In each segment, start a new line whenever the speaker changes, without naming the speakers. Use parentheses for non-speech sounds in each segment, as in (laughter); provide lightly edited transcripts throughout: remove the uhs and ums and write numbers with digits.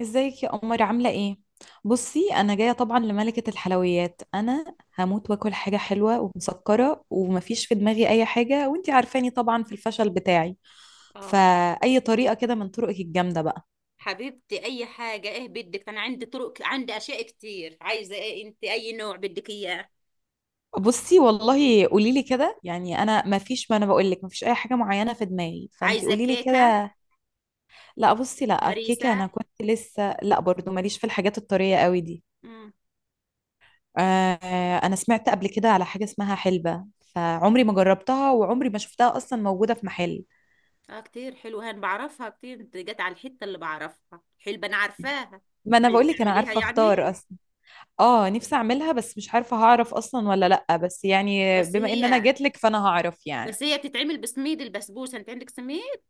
ازيك يا قمر، عاملة ايه؟ بصي، انا جاية طبعا لملكة الحلويات. انا هموت واكل حاجة حلوة ومسكرة، ومفيش في دماغي اي حاجة، وانتي عارفاني طبعا في الفشل بتاعي.
اه،
فاي طريقة كده من طرقك الجامدة بقى.
حبيبتي اي حاجه، ايه بدك؟ انا عندي طرق، عندي اشياء كتير. عايزه ايه انت؟ اي نوع بدك اياه؟
بصي والله، قوليلي كده يعني، انا مفيش، ما انا بقولك مفيش اي حاجة معينة في دماغي، فانتي
عايزه
قوليلي
كيكه؟
كده. لا بصي، لا،
هريسه؟
الكيكة انا كنت لسه، لا برضو ماليش في الحاجات الطرية قوي دي.
امم
آه، انا سمعت قبل كده على حاجة اسمها حلبة، فعمري ما جربتها وعمري ما شفتها اصلا موجودة في محل.
اه كتير حلوه، انا بعرفها كتير. انت جت على الحته اللي بعرفها، حلبه، انا عارفاها.
ما انا
عايزه
بقول لك انا
تعمليها
عارفة اختار
يعني؟
اصلا. اه، نفسي اعملها بس مش عارفة هعرف اصلا ولا لا، بس يعني
بس
بما ان انا
هي
جات لك فانا هعرف يعني.
بس هي بتتعمل بسميد البسبوسه. انت عندك سميد؟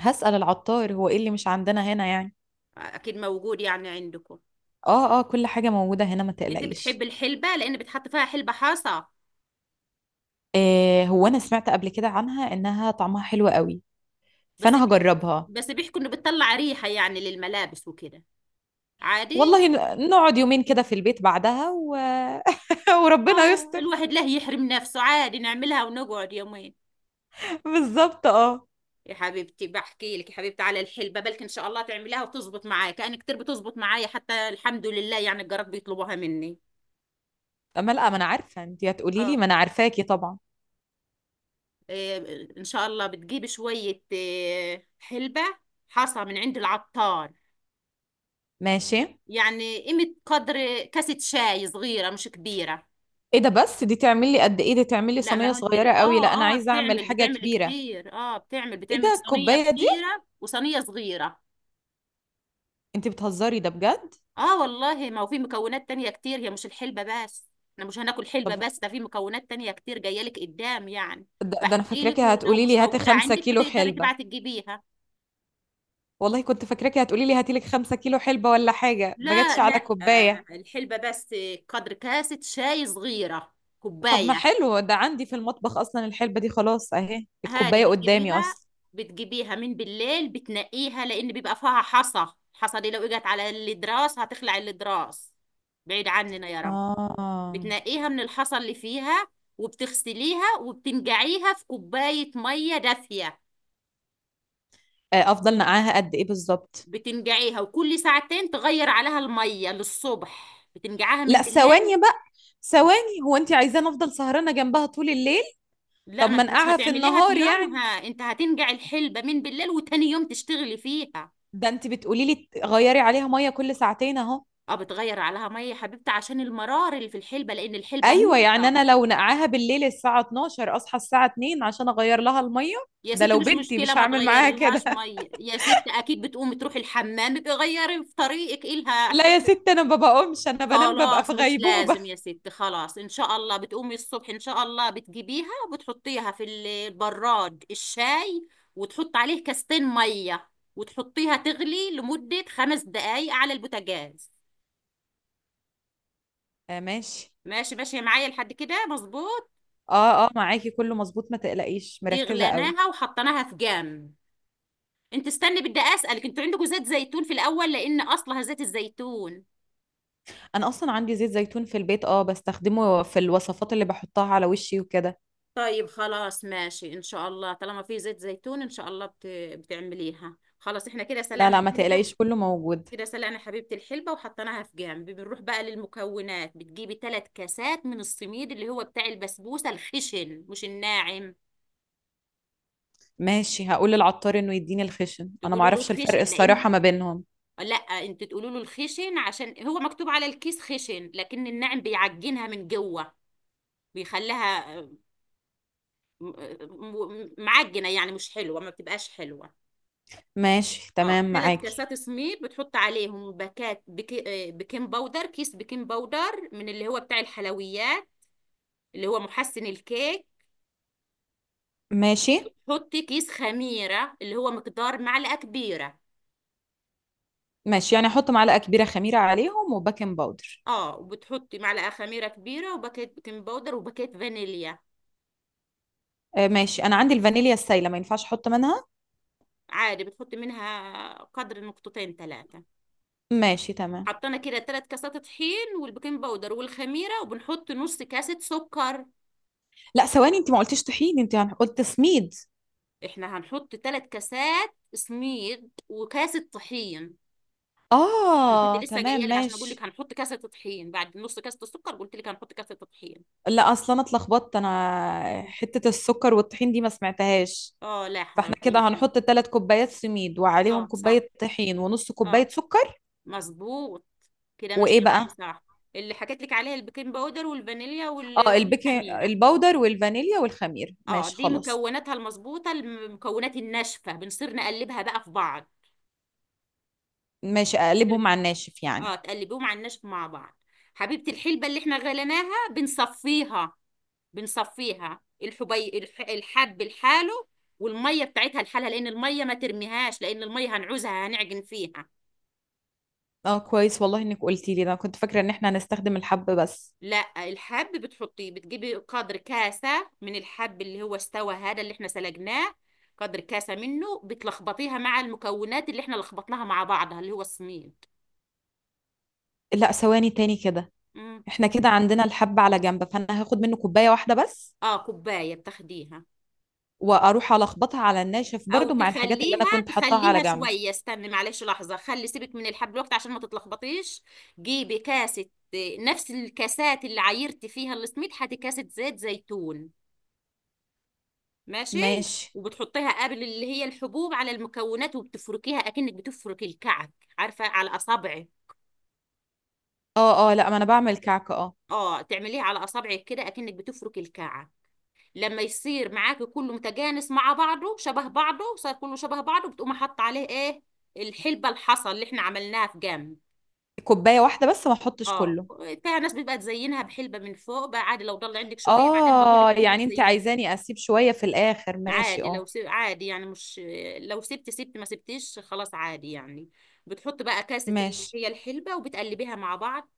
هسأل العطار هو ايه اللي مش عندنا هنا يعني.
اكيد موجود يعني عندكم.
اه اه، كل حاجة موجودة هنا، ما
انت بتحب
تقلقيش.
الحلبه لان بتحط فيها حلبه حاصه.
آه، هو انا سمعت قبل كده عنها انها طعمها حلو قوي.
بس
فانا
بي...
هجربها.
بس بيحكوا انه بتطلع ريحه يعني للملابس وكده. عادي،
والله، نقعد يومين كده في البيت بعدها و (laughs) وربنا
اه،
يستر.
الواحد له يحرم نفسه؟ عادي، نعملها ونقعد يومين.
بالظبط، اه.
يا حبيبتي بحكي لك، يا حبيبتي على الحلبة، بلكي ان شاء الله تعمليها وتزبط معايا كأن كتير بتزبط معايا، حتى الحمد لله، يعني الجارات بيطلبوها مني.
ما لا، ما انا عارفه انت هتقولي لي،
اه،
ما انا عارفاكي طبعا.
إيه ان شاء الله بتجيبي شوية إيه، حلبة حصى من عند العطار.
ماشي.
يعني قيمة قدر كاسة شاي صغيرة، مش كبيرة.
ايه ده؟ بس دي تعمل لي قد ايه؟ دي تعمل لي
لا ما
صينيه
هو انت،
صغيره قوي. لا، انا
اه اه،
عايزه اعمل
بتعمل
حاجه
بتعمل
كبيره.
كتير، اه بتعمل
ايه
بتعمل
ده،
صينية
الكوبايه دي؟
كبيرة وصينية صغيرة.
انت بتهزري ده بجد.
اه والله، ما هو في مكونات تانية كتير، هي مش الحلبة بس. احنا مش هناكل حلبة
طب،
بس، ده في مكونات تانية كتير جاية لك قدام يعني.
ده انا
بحكي لك،
فاكراكي
ولو
هتقولي
مش
لي هاتي
موجودة
خمسة
عندك
كيلو
بتقدري
حلبه.
تبعتي تجيبيها.
والله كنت فاكراكي هتقولي لي هاتي لك 5 كيلو حلبه ولا حاجه، ما
لا
جاتش على
لا،
كوبايه.
آه، الحلبة بس. قدر كاسة شاي صغيرة،
طب ما
كوباية.
حلو، ده عندي في المطبخ اصلا الحلبه دي. خلاص اهي
هادي
الكوبايه قدامي
بتجيبيها،
اصلا.
بتجيبيها من بالليل، بتنقيها لأن بيبقى فيها حصى. الحصى دي لو اجت على الإضراس هتخلع الإضراس، بعيد عننا يا رب.
اه.
بتنقيها من الحصى اللي فيها، وبتغسليها وبتنقعيها في كوباية مية دافية.
آه، افضل نقعها قد ايه بالظبط؟
بتنقعيها وكل ساعتين تغير عليها المية للصبح، بتنقعها من
لا،
بالليل.
ثواني بقى. ثواني، هو انت عايزاني افضل سهرانه جنبها طول الليل؟
لا،
طب
ما
ما
انت مش
انقعها في
هتعمليها في
النهار
يومها،
يعني.
انت هتنقع الحلبة من بالليل وتاني يوم تشتغلي فيها.
ده انت بتقولي لي غيري عليها ميه كل ساعتين اهو.
اه، بتغير عليها مية يا حبيبتي عشان المرار اللي في الحلبة، لان الحلبة
ايوه، يعني
مرة.
انا لو نقعها بالليل الساعه 12 اصحى الساعه 2 عشان اغير لها الميه.
يا
ده
ست
لو
مش
بنتي
مشكلة،
مش
ما
هعمل
تغير
معاها
لهاش
كده.
مية يا ست، اكيد بتقومي تروحي الحمام بيغيري في طريقك إيه
(laughs)
لها.
لا يا ست، انا ما بقومش، انا بنام ببقى
خلاص
في
مش
غيبوبه.
لازم يا ستي، خلاص ان شاء الله بتقومي الصبح، ان شاء الله بتجيبيها وبتحطيها في البراد الشاي، وتحط عليه كاستين ميه، وتحطيها تغلي لمدة 5 دقايق على البوتاجاز.
(laughs) آه، ماشي.
ماشي ماشي معايا لحد كده مظبوط.
اه اه، معاكي كله مظبوط، ما تقلقيش،
دي
مركزه قوي.
غليناها وحطيناها في جنب. انت استني، بدي اسالك، انتوا عندكم زيت زيتون في الاول؟ لان اصلها زيت الزيتون.
انا اصلا عندي زيت زيتون في البيت، بستخدمه في الوصفات اللي بحطها على وشي وكده.
طيب خلاص ماشي، ان شاء الله طالما في زيت زيتون، ان شاء الله بتعمليها. خلاص احنا كده
لا
سلقنا
لا، ما
الكلبة.
تقلقيش، كله موجود.
كده سلقنا حبيبة الحلبة وحطيناها في جنب، بنروح بقى للمكونات. بتجيبي 3 كاسات من السميد اللي هو بتاع البسبوسة، الخشن مش الناعم.
ماشي، هقول للعطار انه يديني الخشن، انا ما
تقولوا له
اعرفش الفرق
الخشن لأن،
الصراحة ما بينهم.
لا، انت تقولوا له الخشن عشان هو مكتوب على الكيس خشن، لكن الناعم بيعجنها من جوه، بيخليها م- معجنة يعني، مش حلوة، ما بتبقاش حلوة.
ماشي
اه،
تمام
ثلاث
معاكي.
كاسات سميد، بتحط عليهم باكات بكي... آه، بيكنج باودر، كيس بيكنج باودر من اللي هو بتاع الحلويات، اللي هو محسن الكيك.
ماشي
تحطي كيس خميرة اللي هو مقدار معلقة كبيرة.
ماشي، يعني احط معلقة كبيرة خميرة عليهم وباكنج باودر.
اه، وبتحطي معلقة خميرة كبيرة وباكيت بيكنج باودر وباكيت فانيليا.
آه، ماشي، انا عندي الفانيليا السايلة، ما ينفعش احط منها؟
عادي بتحطي منها قدر نقطتين ثلاثة.
ماشي تمام.
حطينا كده 3 كاسات طحين والبيكنج باودر والخميرة، وبنحط نص كاسة سكر.
لا، ثواني، انت ما قلتيش طحين، انت قلت سميد.
احنا هنحط 3 كاسات سميد وكاسة طحين. انا كنت
اه
لسه
تمام،
جايه لك عشان اقول لك
ماشي.
هنحط كاسه طحين، بعد نص كاسه السكر قلت لك هنحط كاسه طحين.
لا، اصلا انا اتلخبطت، انا
مم.
حتة السكر والطحين دي ما سمعتهاش.
اه لا
فاحنا كده
حبيبي.
هنحط 3 كوبايات سميد وعليهم
اه صح.
كوباية طحين ونص
اه.
كوباية سكر.
مظبوط. كده ماشية
وايه
معايا
بقى؟
صح؟ اللي حكيت لك عليها البيكنج باودر والفانيليا
اه، البيكنج
والخميرة.
الباودر والفانيليا والخميره،
اه
ماشي
دي
خلاص.
مكوناتها المظبوطة، المكونات الناشفة بنصير نقلبها بقى في بعض.
ماشي، اقلبهم مع الناشف يعني.
اه، تقلبيهم على الناشف مع بعض. حبيبة الحلبة اللي احنا غليناها بنصفيها، بنصفيها الحبي الحب لحاله، والمية بتاعتها لحالها، لأن المية ما ترميهاش، لأن المية هنعوزها، هنعجن فيها.
اه كويس، والله انك قلتي لي ده، أنا كنت فاكره ان احنا هنستخدم الحب بس.
لا، الحب بتحطيه، بتجيبي قدر كاسة من الحب اللي هو استوى، هذا اللي احنا سلقناه، قدر كاسة منه بتلخبطيها مع المكونات اللي احنا لخبطناها مع بعضها، اللي هو السميد.
لا، ثواني تاني كده.
مم.
احنا كده عندنا الحب على جنب، فانا هاخد منه كوبايه واحده بس.
اه، كوباية بتاخديها.
واروح الخبطها على الناشف
او
برضو مع الحاجات اللي انا
تخليها،
كنت حطاها على
تخليها
جنب.
شوية، استني معلش لحظة، خلي سيبك من الحب الوقت عشان ما تتلخبطيش. جيبي كاسة، نفس الكاسات اللي عايرتي فيها السميد، هاتي كاسة زيت زيتون. ماشي.
ماشي
وبتحطيها قبل اللي هي الحبوب على المكونات، وبتفركيها اكنك بتفرك الكعك، عارفه، على اصابعك.
اه اه، لا، ما انا بعمل كعكه، اه.
اه، تعمليها على اصابعك كده اكنك بتفرك الكعك. لما يصير معاكي كله متجانس مع بعضه، شبه بعضه، صار كله شبه بعضه، بتقومي حاطه عليه ايه؟ الحلبه الحصى اللي احنا عملناها في جنب.
كوبايه واحده بس، ما احطش
اه،
كله.
فيها ناس بيبقى تزينها بحلبه من فوق، بقى عادي، لو ضل عندك شويه بعدين بقول لك
اه،
بتبقي
يعني انت
تزينيها.
عايزاني اسيب شويه في الاخر، ماشي،
عادي
اه.
لو سيب، عادي يعني، مش، لو سبت سبت، ما سبتش خلاص، عادي يعني. بتحط بقى كاسة اللي
ماشي،
هي الحلبة وبتقلبيها مع بعض.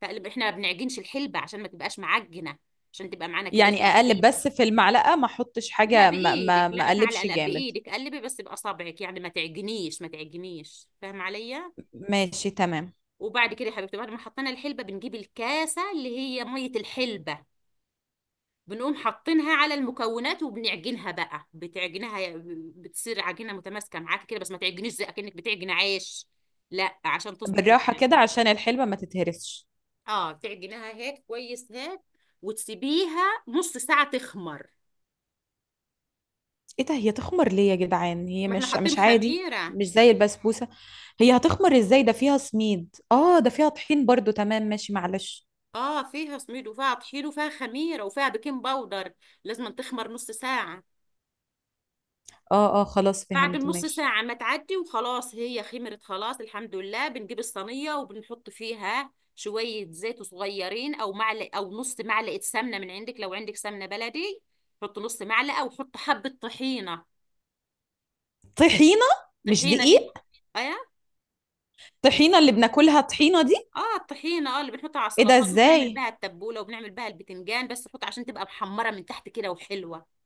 تقلب، احنا ما بنعجنش الحلبة عشان ما تبقاش معجنة، عشان تبقى معانا كده
يعني
زي
اقلب
الفريسة.
بس في المعلقة ما احطش
لا
حاجة، ما
بإيدك،
ما ما
لا معلقة،
اقلبش
لا
جامد.
بإيدك، قلبي بس بأصابعك يعني ما تعجنيش، ما تعجنيش، فاهم عليا؟
ماشي تمام.
وبعد كده يا حبيبتي، بعد ما حطينا الحلبة بنجيب الكاسة اللي هي مية الحلبة، بنقوم حاطينها على المكونات وبنعجنها بقى، بتعجنها، بتصير عجينه متماسكه معاك كده، بس ما تعجنيش زي اكنك بتعجن عيش، لا، عشان تظبط
بالراحة كده
معاكي.
عشان الحلوة ما تتهرسش.
اه، بتعجنها هيك كويس، هيك. وتسيبيها نص ساعه تخمر.
ايه ده، هي تخمر ليه يا جدعان؟ هي
ما احنا
مش
حاطين
مش عادي،
خميره.
مش زي البسبوسة. هي هتخمر ازاي؟ ده فيها سميد، ده فيها طحين برضو. تمام ماشي، معلش.
اه، فيها سميد وفيها طحين وفيها خميره وفيها بيكنج باودر، لازم تخمر نص ساعه.
اه اه، خلاص
بعد
فهمت،
النص
ماشي.
ساعة ما تعدي وخلاص هي خمرت، خلاص الحمد لله، بنجيب الصينية وبنحط فيها شوية زيت صغيرين، أو معلق، أو نص معلقة سمنة من عندك لو عندك سمنة بلدي. حط نص معلقة، وحط حبة طحينة.
طحينة، مش
طحينة اللي انت،
دقيق؟
ايه؟
طحينة اللي بناكلها، طحينة دي؟
اه، الطحينة، اه، اللي بنحطها على
ايه ده،
السلطات وبنعمل
ازاي؟
بها التبولة وبنعمل بها البتنجان، بس نحط عشان تبقى محمرة من تحت كده وحلوة.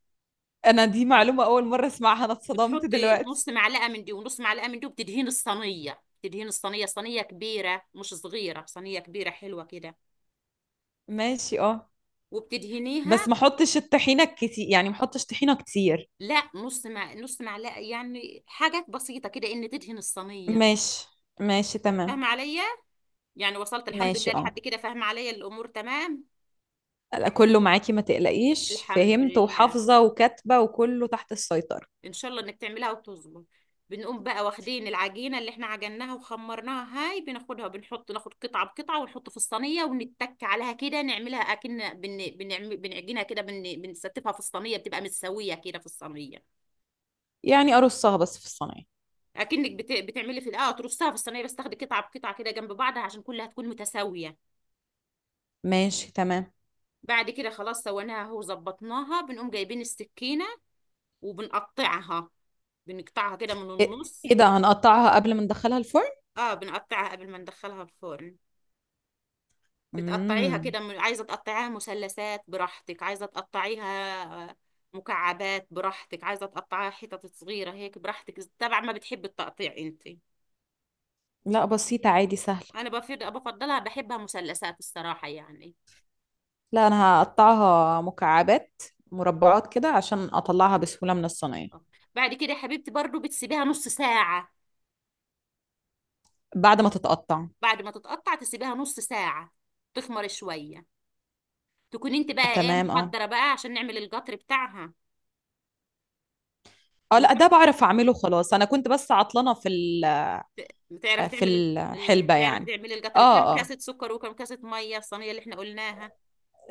انا دي
وما-
معلومة اول مرة اسمعها، انا اتصدمت
بتحطي
دلوقتي.
نص معلقة من دي ونص معلقة من دي وبتدهين الصينية، تدهين الصينية، صينية كبيرة مش صغيرة، صينية كبيرة حلوة كده.
ماشي، اه.
وبتدهنيها.
بس ما احطش الطحينه كتير، يعني ما احطش طحينه كتير.
لا، نص، مع نص معلقه يعني، حاجات بسيطه كده ان تدهن الصينيه.
ماشي. ماشي تمام.
فاهمه عليا؟ يعني وصلت الحمد
ماشي،
لله
اه.
لحد كده، فاهمه عليا الامور تمام؟
لا، كله معاكي، ما تقلقيش،
الحمد
فهمت
لله،
وحافظه وكاتبه، وكله تحت السيطره.
ان شاء الله انك تعملها وتظبط. بنقوم بقى واخدين العجينه اللي احنا عجناها وخمرناها، هاي بناخدها وبنحط، ناخد قطعه بقطعه ونحط في الصينيه ونتك عليها كده، نعملها اكن بنعمل بنعجنها كده، بنستفها في الصينيه، بتبقى متساويه كده في الصينيه.
يعني ارصها بس في الصينيه.
اكنك بتعملي في، اه، ترصها في الصينيه، بس تاخدي قطعه بقطعه كده جنب بعضها عشان كلها تكون متساويه.
ماشي تمام.
بعد كده خلاص سويناها اهو، ظبطناها، بنقوم جايبين السكينه، وبنقطعها، بنقطعها كده من
ايه
النص.
إيه ده، هنقطعها قبل ما ندخلها الفرن؟
اه، بنقطعها قبل ما ندخلها الفرن. بتقطعيها
امم.
كده من، عايزه تقطعيها مثلثات براحتك، عايزه تقطعيها، آه، مكعبات براحتك، عايزه تقطعيها حتت صغيره هيك براحتك، طبعا ما بتحبي التقطيع انت.
لا، بسيطه، عادي، سهله.
انا بفضل، بفضلها، بحبها مثلثات الصراحه يعني.
لا، انا هقطعها مكعبات، مربعات كده عشان اطلعها بسهوله من الصينيه.
آه. بعد كده يا حبيبتي برضو بتسيبيها نص ساعة.
بعد ما تتقطع.
بعد ما تتقطع تسيبيها نص ساعة، تخمر شوية. تكون انت بقى ايه،
تمام، اه.
محضرة بقى عشان نعمل القطر بتاعها.
اه لا،
نروح،
ده بعرف اعمله، خلاص. انا كنت بس عطلانه
بتعرفي
في
تعملي،
الحلبة
بتعرفي
يعني.
تعملي القطر؟ كام
اه اه،
كاسة سكر وكام كاسة مية الصينية اللي احنا قلناها.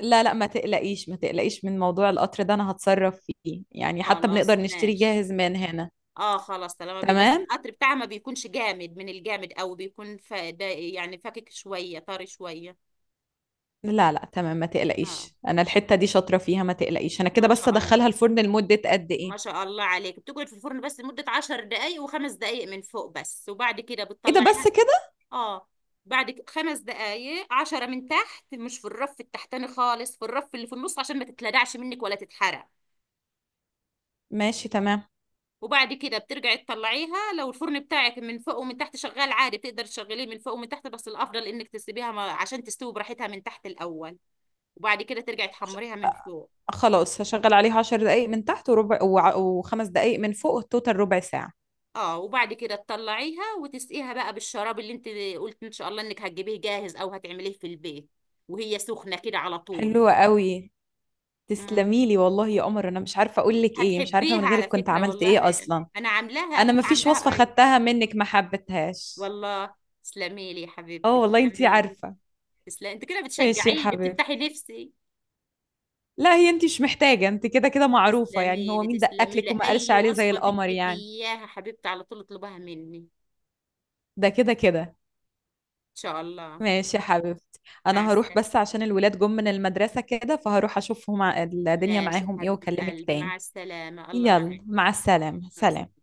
لا لا، ما تقلقيش، ما تقلقيش من موضوع القطر ده، انا هتصرف فيه يعني، حتى
خلاص
بنقدر نشتري
ماشي.
جاهز من هنا.
اه خلاص، طالما بي، بس
تمام.
القطر بتاعها ما بيكونش جامد من الجامد، او بيكون ده يعني فاكك شوية، طري شوية.
لا لا، تمام، ما
اه،
تقلقيش، انا الحتة دي شاطرة فيها، ما تقلقيش. انا
ما
كده بس
شاء الله،
ادخلها الفرن لمدة قد
ما
ايه؟
شاء الله عليك، بتقعد في الفرن بس لمدة 10 دقايق، وخمس دقايق من فوق بس، وبعد كده
ايه ده، بس
بتطلعيها.
كده؟
اه، بعد خمس دقايق، 10 من تحت، مش في الرف التحتاني خالص، في الرف اللي في النص عشان ما تتلدعش منك ولا تتحرق.
ماشي تمام.
وبعد كده بترجعي تطلعيها، لو الفرن بتاعك من فوق ومن تحت شغال عادي بتقدر تشغليه من فوق ومن تحت، بس الافضل انك تسيبيها عشان تستوي براحتها من تحت الاول، وبعد كده ترجعي
ش-
تحمريها من فوق.
خلاص هشغل عليه 10 دقايق من تحت، وربع، وخمس دقايق من فوق، التوتال ربع ساعة.
اه، وبعد كده تطلعيها وتسقيها بقى بالشراب اللي انت قلت ان شاء الله انك هتجيبيه جاهز او هتعمليه في البيت، وهي سخنه كده على طول.
حلوة قوي.
امم،
تسلميلي والله يا قمر، انا مش عارفة اقول لك ايه، مش عارفة من
هتحبيها على
غيرك كنت
فكره
عملت ايه
والله،
اصلا.
انا عاملاها
انا
لسه،
ما فيش
عاملاها
وصفة
قريب.
خدتها منك ما حبيتهاش.
والله، تسلمي لي يا حبيبتي،
اه والله، انتي
تسلمي لي.
عارفة.
تسلمي، انت كده
ماشي يا
بتشجعيني،
حبيبي.
بتفتحي نفسي.
لا، هي انتي مش محتاجة، انتي كده كده معروفة يعني،
تسلمي
هو
لي،
مين
تسلمي
دققلك
لي،
وما قالش
اي
عليه زي
وصفه
القمر
بدك
يعني.
اياها حبيبتي على طول اطلبها مني ان
ده كده كده.
شاء الله.
ماشي يا حبيبتي.
مع
انا هروح
السلامه.
بس عشان الولاد جم من المدرسة كده، فهروح اشوفهم الدنيا
ماشي
معاهم ايه،
حبيبه
واكلمك
قلبي،
تاني.
مع السلامه، الله
يلا
معك.
مع السلامة،
مع
سلام.
السلامه.